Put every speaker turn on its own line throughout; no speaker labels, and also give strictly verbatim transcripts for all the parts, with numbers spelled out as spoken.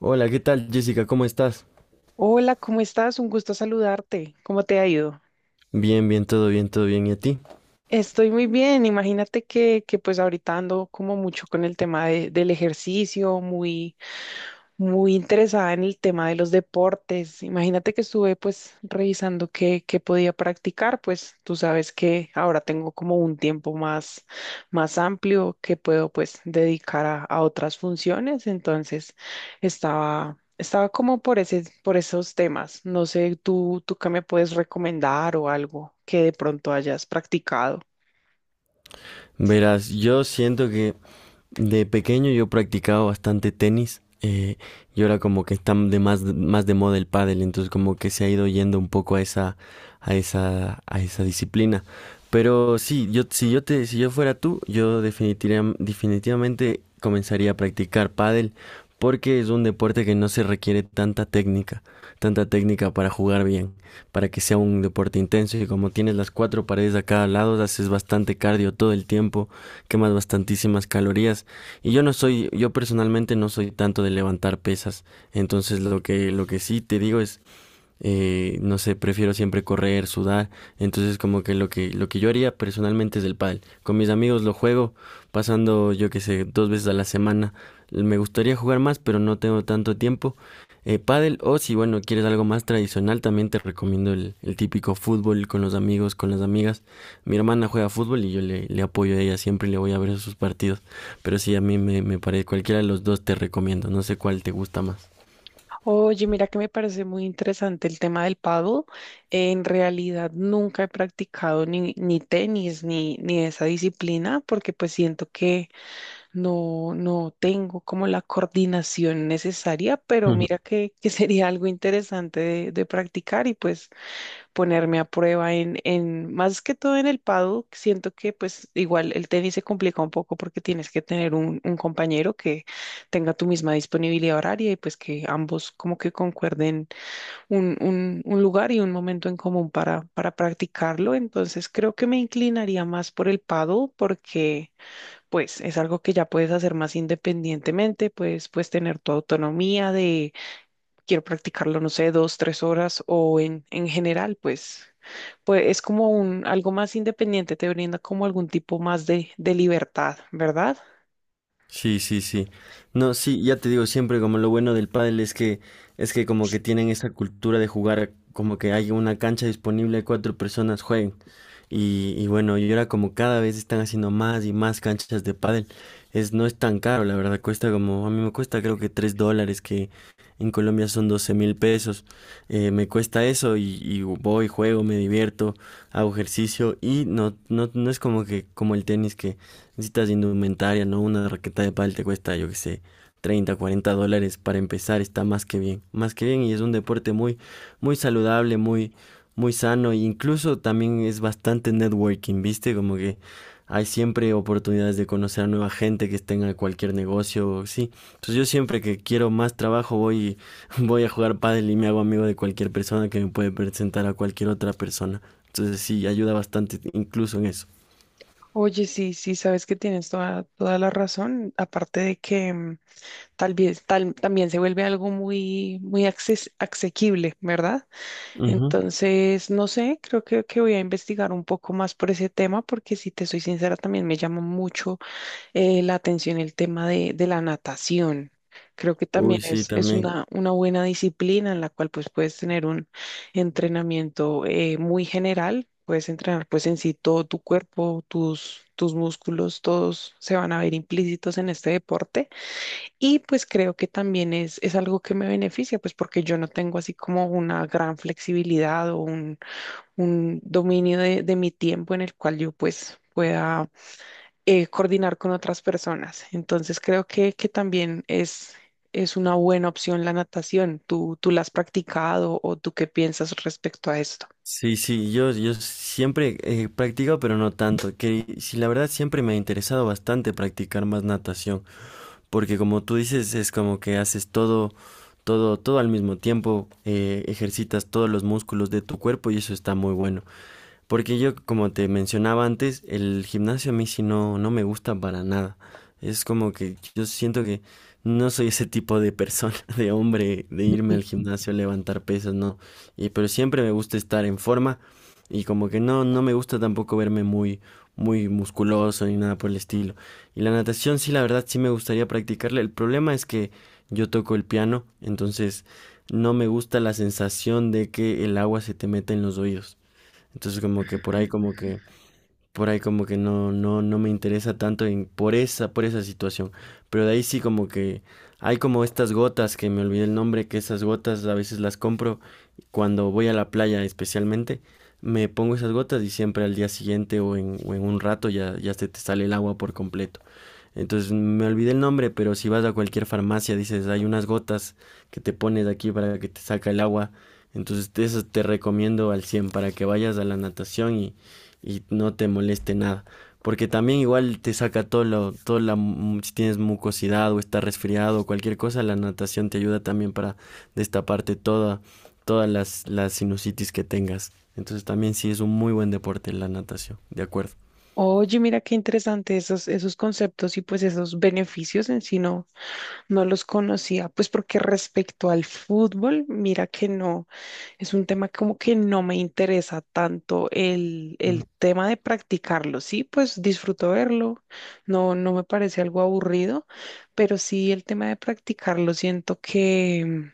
Hola, ¿qué tal, Jessica? ¿Cómo estás?
Hola, ¿cómo estás? Un gusto saludarte. ¿Cómo te ha ido?
Bien, bien, todo bien, todo bien. ¿Y a ti?
Estoy muy bien. Imagínate que, que pues ahorita ando como mucho con el tema de- del ejercicio, muy, muy interesada en el tema de los deportes. Imagínate que estuve pues revisando qué, qué podía practicar, pues tú sabes que ahora tengo como un tiempo más, más amplio que puedo pues dedicar a, a otras funciones, entonces estaba, estaba como por ese, por esos temas. No sé, tú, tú qué me puedes recomendar o algo que de pronto hayas practicado.
Verás, yo siento que de pequeño yo practicaba bastante tenis. Eh, y ahora como que está de más, más de moda el pádel, entonces como que se ha ido yendo un poco a esa, a esa, a esa disciplina. Pero sí, yo, si yo te, si yo fuera tú, yo definitiva- definitivamente comenzaría a practicar pádel porque es un deporte que no se requiere tanta técnica, tanta técnica para jugar bien, para que sea un deporte intenso y como tienes las cuatro paredes a cada lado, haces bastante cardio todo el tiempo, quemas bastantísimas calorías. Y yo no soy, yo personalmente no soy tanto de levantar pesas. Entonces lo que, lo que sí te digo es eh, no sé, prefiero siempre correr, sudar, entonces como que lo que lo que yo haría personalmente es el pádel. Con mis amigos lo juego pasando, yo qué sé, dos veces a la semana. Me gustaría jugar más, pero no tengo tanto tiempo. Eh, pádel o si bueno, quieres algo más tradicional, también te recomiendo el, el típico fútbol con los amigos, con las amigas. Mi hermana juega fútbol y yo le, le apoyo a ella, siempre le voy a ver sus partidos. Pero sí, a mí me, me parece, cualquiera de los dos te recomiendo, no sé cuál te gusta más.
Oye, mira que me parece muy interesante el tema del paddle. En realidad nunca he practicado ni, ni tenis ni, ni esa disciplina porque pues siento que no, no tengo como la coordinación necesaria, pero mira que, que sería algo interesante de, de practicar y pues ponerme a prueba en, en, más que todo en el paddock, siento que pues igual el tenis se complica un poco porque tienes que tener un, un compañero que tenga tu misma disponibilidad horaria y pues que ambos como que concuerden un, un, un lugar y un momento en común para, para practicarlo. Entonces creo que me inclinaría más por el paddle porque pues es algo que ya puedes hacer más independientemente, pues, puedes tener tu autonomía de quiero practicarlo, no sé, dos, tres horas o en, en general, pues, pues es como un, algo más independiente, te brinda como algún tipo más de, de libertad, ¿verdad?
Sí, sí, sí. No, sí, ya te digo, siempre como lo bueno del pádel es que es que como que tienen esa cultura de jugar, como que hay una cancha disponible, cuatro personas jueguen. Y, y bueno, y ahora como cada vez están haciendo más y más canchas de pádel, es, no es tan caro, la verdad, cuesta como, a mí me cuesta creo que tres dólares, que en Colombia son doce mil pesos. eh, me cuesta eso y, y, voy, juego, me divierto, hago ejercicio y no, no, no es como que como el tenis, que necesitas indumentaria, ¿no? Una raqueta de pádel te cuesta, yo qué sé, treinta cuarenta dólares para empezar, está más que bien, más que bien, y es un deporte muy, muy saludable, muy, muy sano, e incluso también es bastante networking, ¿viste? Como que hay siempre oportunidades de conocer a nueva gente que esté en cualquier negocio, sí. Entonces yo, siempre que quiero más trabajo, voy, voy a jugar pádel y me hago amigo de cualquier persona que me puede presentar a cualquier otra persona. Entonces sí, ayuda bastante incluso en eso.
Oye, sí, sí, sabes que tienes toda, toda la razón, aparte de que mm, tal vez tal, también se vuelve algo muy, muy acces- asequible, ¿verdad?
Ujú.
Entonces, no sé, creo que, que voy a investigar un poco más por ese tema, porque si te soy sincera, también me llama mucho eh, la atención el tema de, de la natación. Creo que también
Uy, sí,
es, es
también.
una, una buena disciplina en la cual pues puedes tener un entrenamiento eh, muy general, puedes entrenar pues en sí todo tu cuerpo, tus, tus músculos, todos se van a ver implícitos en este deporte y pues creo que también es, es algo que me beneficia pues porque yo no tengo así como una gran flexibilidad o un, un dominio de, de mi tiempo en el cual yo pues pueda eh, coordinar con otras personas. Entonces creo que, que también es, es una buena opción la natación. ¿Tú, tú la has practicado o tú qué piensas respecto a esto?
Sí, sí, yo, yo siempre he practicado, pero no tanto. Que si la verdad siempre me ha interesado bastante practicar más natación, porque como tú dices, es como que haces todo, todo, todo al mismo tiempo. eh, ejercitas todos los músculos de tu cuerpo y eso está muy bueno. Porque yo, como te mencionaba antes, el gimnasio a mí sí no, no me gusta para nada. Es como que yo siento que no soy ese tipo de persona, de hombre, de irme
Ujú.
al gimnasio a levantar pesas, no. Y pero siempre me gusta estar en forma, y como que no, no me gusta tampoco verme muy, muy musculoso ni nada por el estilo. Y la natación sí, la verdad sí me gustaría practicarla. El problema es que yo toco el piano, entonces no me gusta la sensación de que el agua se te meta en los oídos. Entonces como que por ahí como que por ahí como que no, no, no me interesa tanto en- por esa, por esa situación. Pero de ahí sí, como que hay como estas gotas, que me olvidé el nombre, que esas gotas a veces las compro cuando voy a la playa especialmente. Me pongo esas gotas y siempre al día siguiente, o en, o en un rato ya, ya se te sale el agua por completo. Entonces me olvidé el nombre, pero si vas a cualquier farmacia dices, hay unas gotas que te pones aquí para que te saca el agua. Entonces te- eso te recomiendo al cien para que vayas a la natación y, y no te moleste nada. Porque también igual te saca todo lo, todo la, si tienes mucosidad o estás resfriado o cualquier cosa, la natación te ayuda también para destaparte toda, todas las, las sinusitis que tengas. Entonces también sí, es un muy buen deporte la natación, de acuerdo.
Oye, mira qué interesante esos, esos conceptos y pues esos beneficios en sí no, no los conocía. Pues porque respecto al fútbol, mira que no. Es un tema como que no me interesa tanto el, el tema de practicarlo. Sí, pues disfruto verlo, no, no me parece algo aburrido, pero sí el tema de practicarlo siento que mm,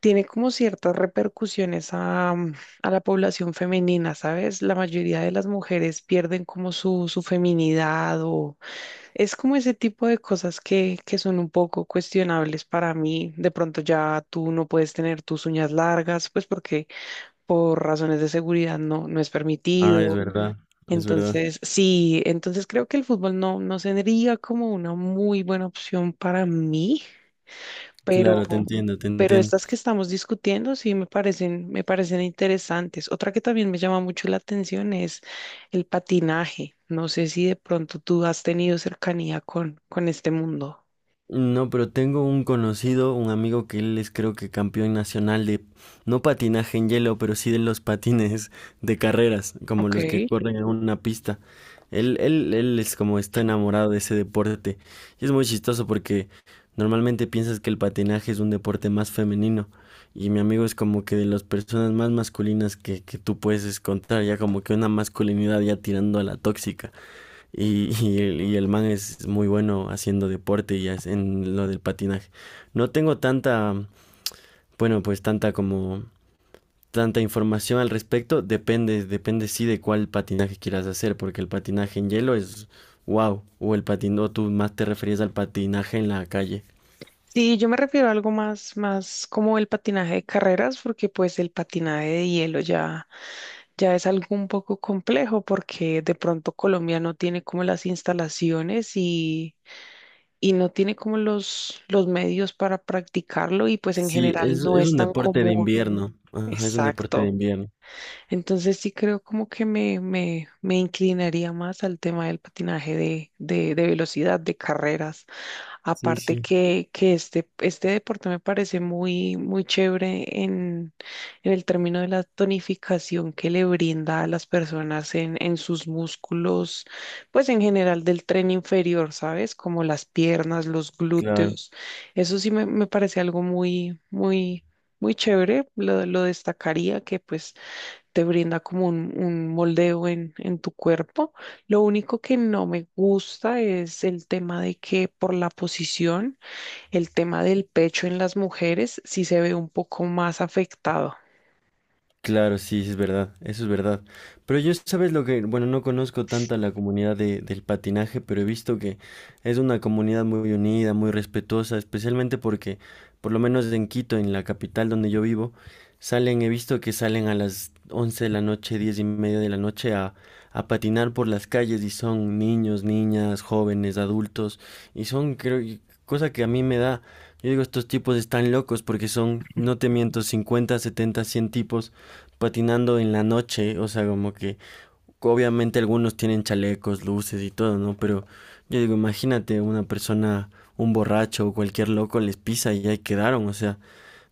tiene como ciertas repercusiones a, mm, a la población femenina, ¿sabes? La mayoría de las mujeres pierden como su, su feminidad o es como ese tipo de cosas que, que son un poco cuestionables para mí. De pronto ya tú no puedes tener tus uñas largas, pues porque por razones de seguridad no, no es
Ah, es
permitido.
verdad, es verdad.
Entonces, sí, entonces creo que el fútbol no, no sería como una muy buena opción para mí, pero,
Claro, te entiendo, te
pero
entiendo.
estas que estamos discutiendo sí me parecen, me parecen interesantes. Otra que también me llama mucho la atención es el patinaje. No sé si de pronto tú has tenido cercanía con, con este mundo.
No, pero tengo un conocido, un amigo, que él es, creo que, campeón nacional de, no patinaje en hielo, pero sí de los patines de carreras, como
Ok.
los que corren en una pista. Él, él, él es como está enamorado de ese deporte. Y es muy chistoso porque normalmente piensas que el patinaje es un deporte más femenino. Y mi amigo es como que de las personas más masculinas que, que tú puedes encontrar, ya como que una masculinidad ya tirando a la tóxica. Y, y el, y el man es muy bueno haciendo deporte y hace- en lo del patinaje. No tengo tanta, bueno, pues tanta como tanta información al respecto. Depende, depende sí de cuál patinaje quieras hacer, porque el patinaje en hielo es wow, o el patin, o tú más te referías al patinaje en la calle.
Sí, yo me refiero a algo más, más como el patinaje de carreras, porque pues el patinaje de hielo ya ya es algo un poco complejo porque de pronto Colombia no tiene como las instalaciones y, y no tiene como los, los medios para practicarlo y pues en
Sí,
general
es,
no
es
es
un
tan
deporte de
común.
invierno. Ajá, es un deporte de
Exacto.
invierno.
Entonces sí creo como que me, me, me inclinaría más al tema del patinaje de, de, de velocidad, de carreras.
Sí,
Aparte
sí.
que, que este, este deporte me parece muy, muy chévere en, en el término de la tonificación que le brinda a las personas en, en sus músculos, pues en general del tren inferior, ¿sabes? Como las piernas, los
Claro.
glúteos. Eso sí me, me parece algo muy, muy, muy chévere. Lo, lo destacaría que pues te brinda como un, un moldeo en, en tu cuerpo. Lo único que no me gusta es el tema de que por la posición, el tema del pecho en las mujeres sí se ve un poco más afectado.
Claro, sí, sí es verdad, eso es verdad. Pero yo, ¿sabes lo que? Bueno, no conozco tanta la comunidad de- del patinaje, pero he visto que es una comunidad muy unida, muy respetuosa, especialmente porque, por lo menos en Quito, en la capital donde yo vivo, salen, he visto que salen a las once de la noche, diez y media de la noche, a, a patinar por las calles, y son niños, niñas, jóvenes, adultos, y son, creo, y cosa que a mí me da, yo digo, estos tipos están locos porque son, no te miento, cincuenta, setenta, cien tipos patinando en la noche, o sea, como que obviamente algunos tienen chalecos, luces y todo, ¿no? Pero yo digo, imagínate una persona, un borracho o cualquier loco les pisa y ahí quedaron, o sea,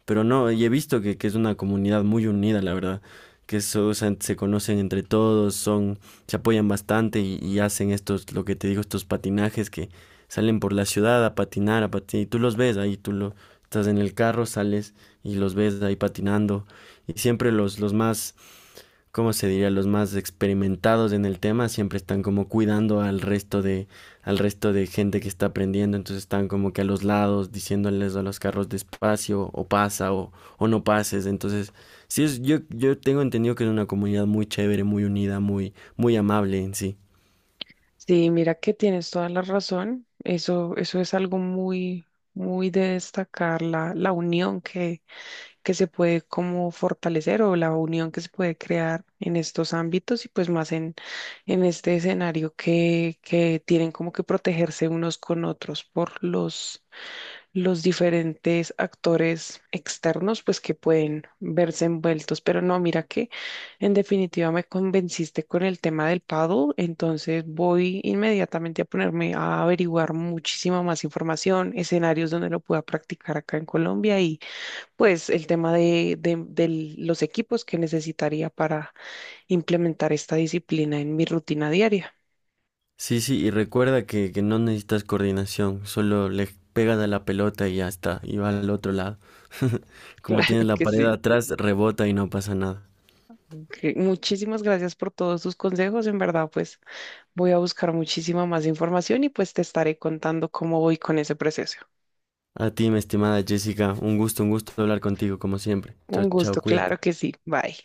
pero no, y he visto que, que es una comunidad muy unida, la verdad, que eso, o sea, se conocen entre todos, son, se apoyan bastante, y, y hacen estos, lo que te digo, estos patinajes que salen por la ciudad a patinar, a patinar, y tú los ves ahí, tú lo, estás en el carro, sales y los ves ahí patinando, y siempre los, los más, como se diría, los más experimentados en el tema siempre están como cuidando al resto de al resto de gente que está aprendiendo, entonces están como que a los lados diciéndoles a los carros despacio o pasa, o, o no pases, entonces sí, es, yo yo tengo entendido que es una comunidad muy chévere, muy unida, muy muy amable en sí.
Sí, mira que tienes toda la razón. Eso, eso es algo muy, muy de destacar, la, la unión que que se puede como fortalecer o la unión que se puede crear en estos ámbitos y pues más en, en este escenario que, que tienen como que protegerse unos con otros por los, los diferentes actores externos pues que pueden verse envueltos. Pero no, mira que en definitiva me convenciste con el tema del paddle, entonces voy inmediatamente a ponerme a averiguar muchísima más información, escenarios donde lo pueda practicar acá en Colombia y pues el tema de, de- de los equipos que necesitaría para implementar esta disciplina en mi rutina diaria.
Sí, sí, y recuerda que, que no necesitas coordinación, solo le pegas a la pelota y ya está, y va al otro lado. Como
Claro
tienes la
que
pared
sí.
atrás, rebota y no pasa nada.
Ok, muchísimas gracias por todos sus consejos. En verdad, pues voy a buscar muchísima más información y pues te estaré contando cómo voy con ese proceso.
A ti, mi estimada Jessica, un gusto, un gusto hablar contigo, como siempre. Chao,
Un
chao,
gusto,
cuídate.
claro que sí. Bye.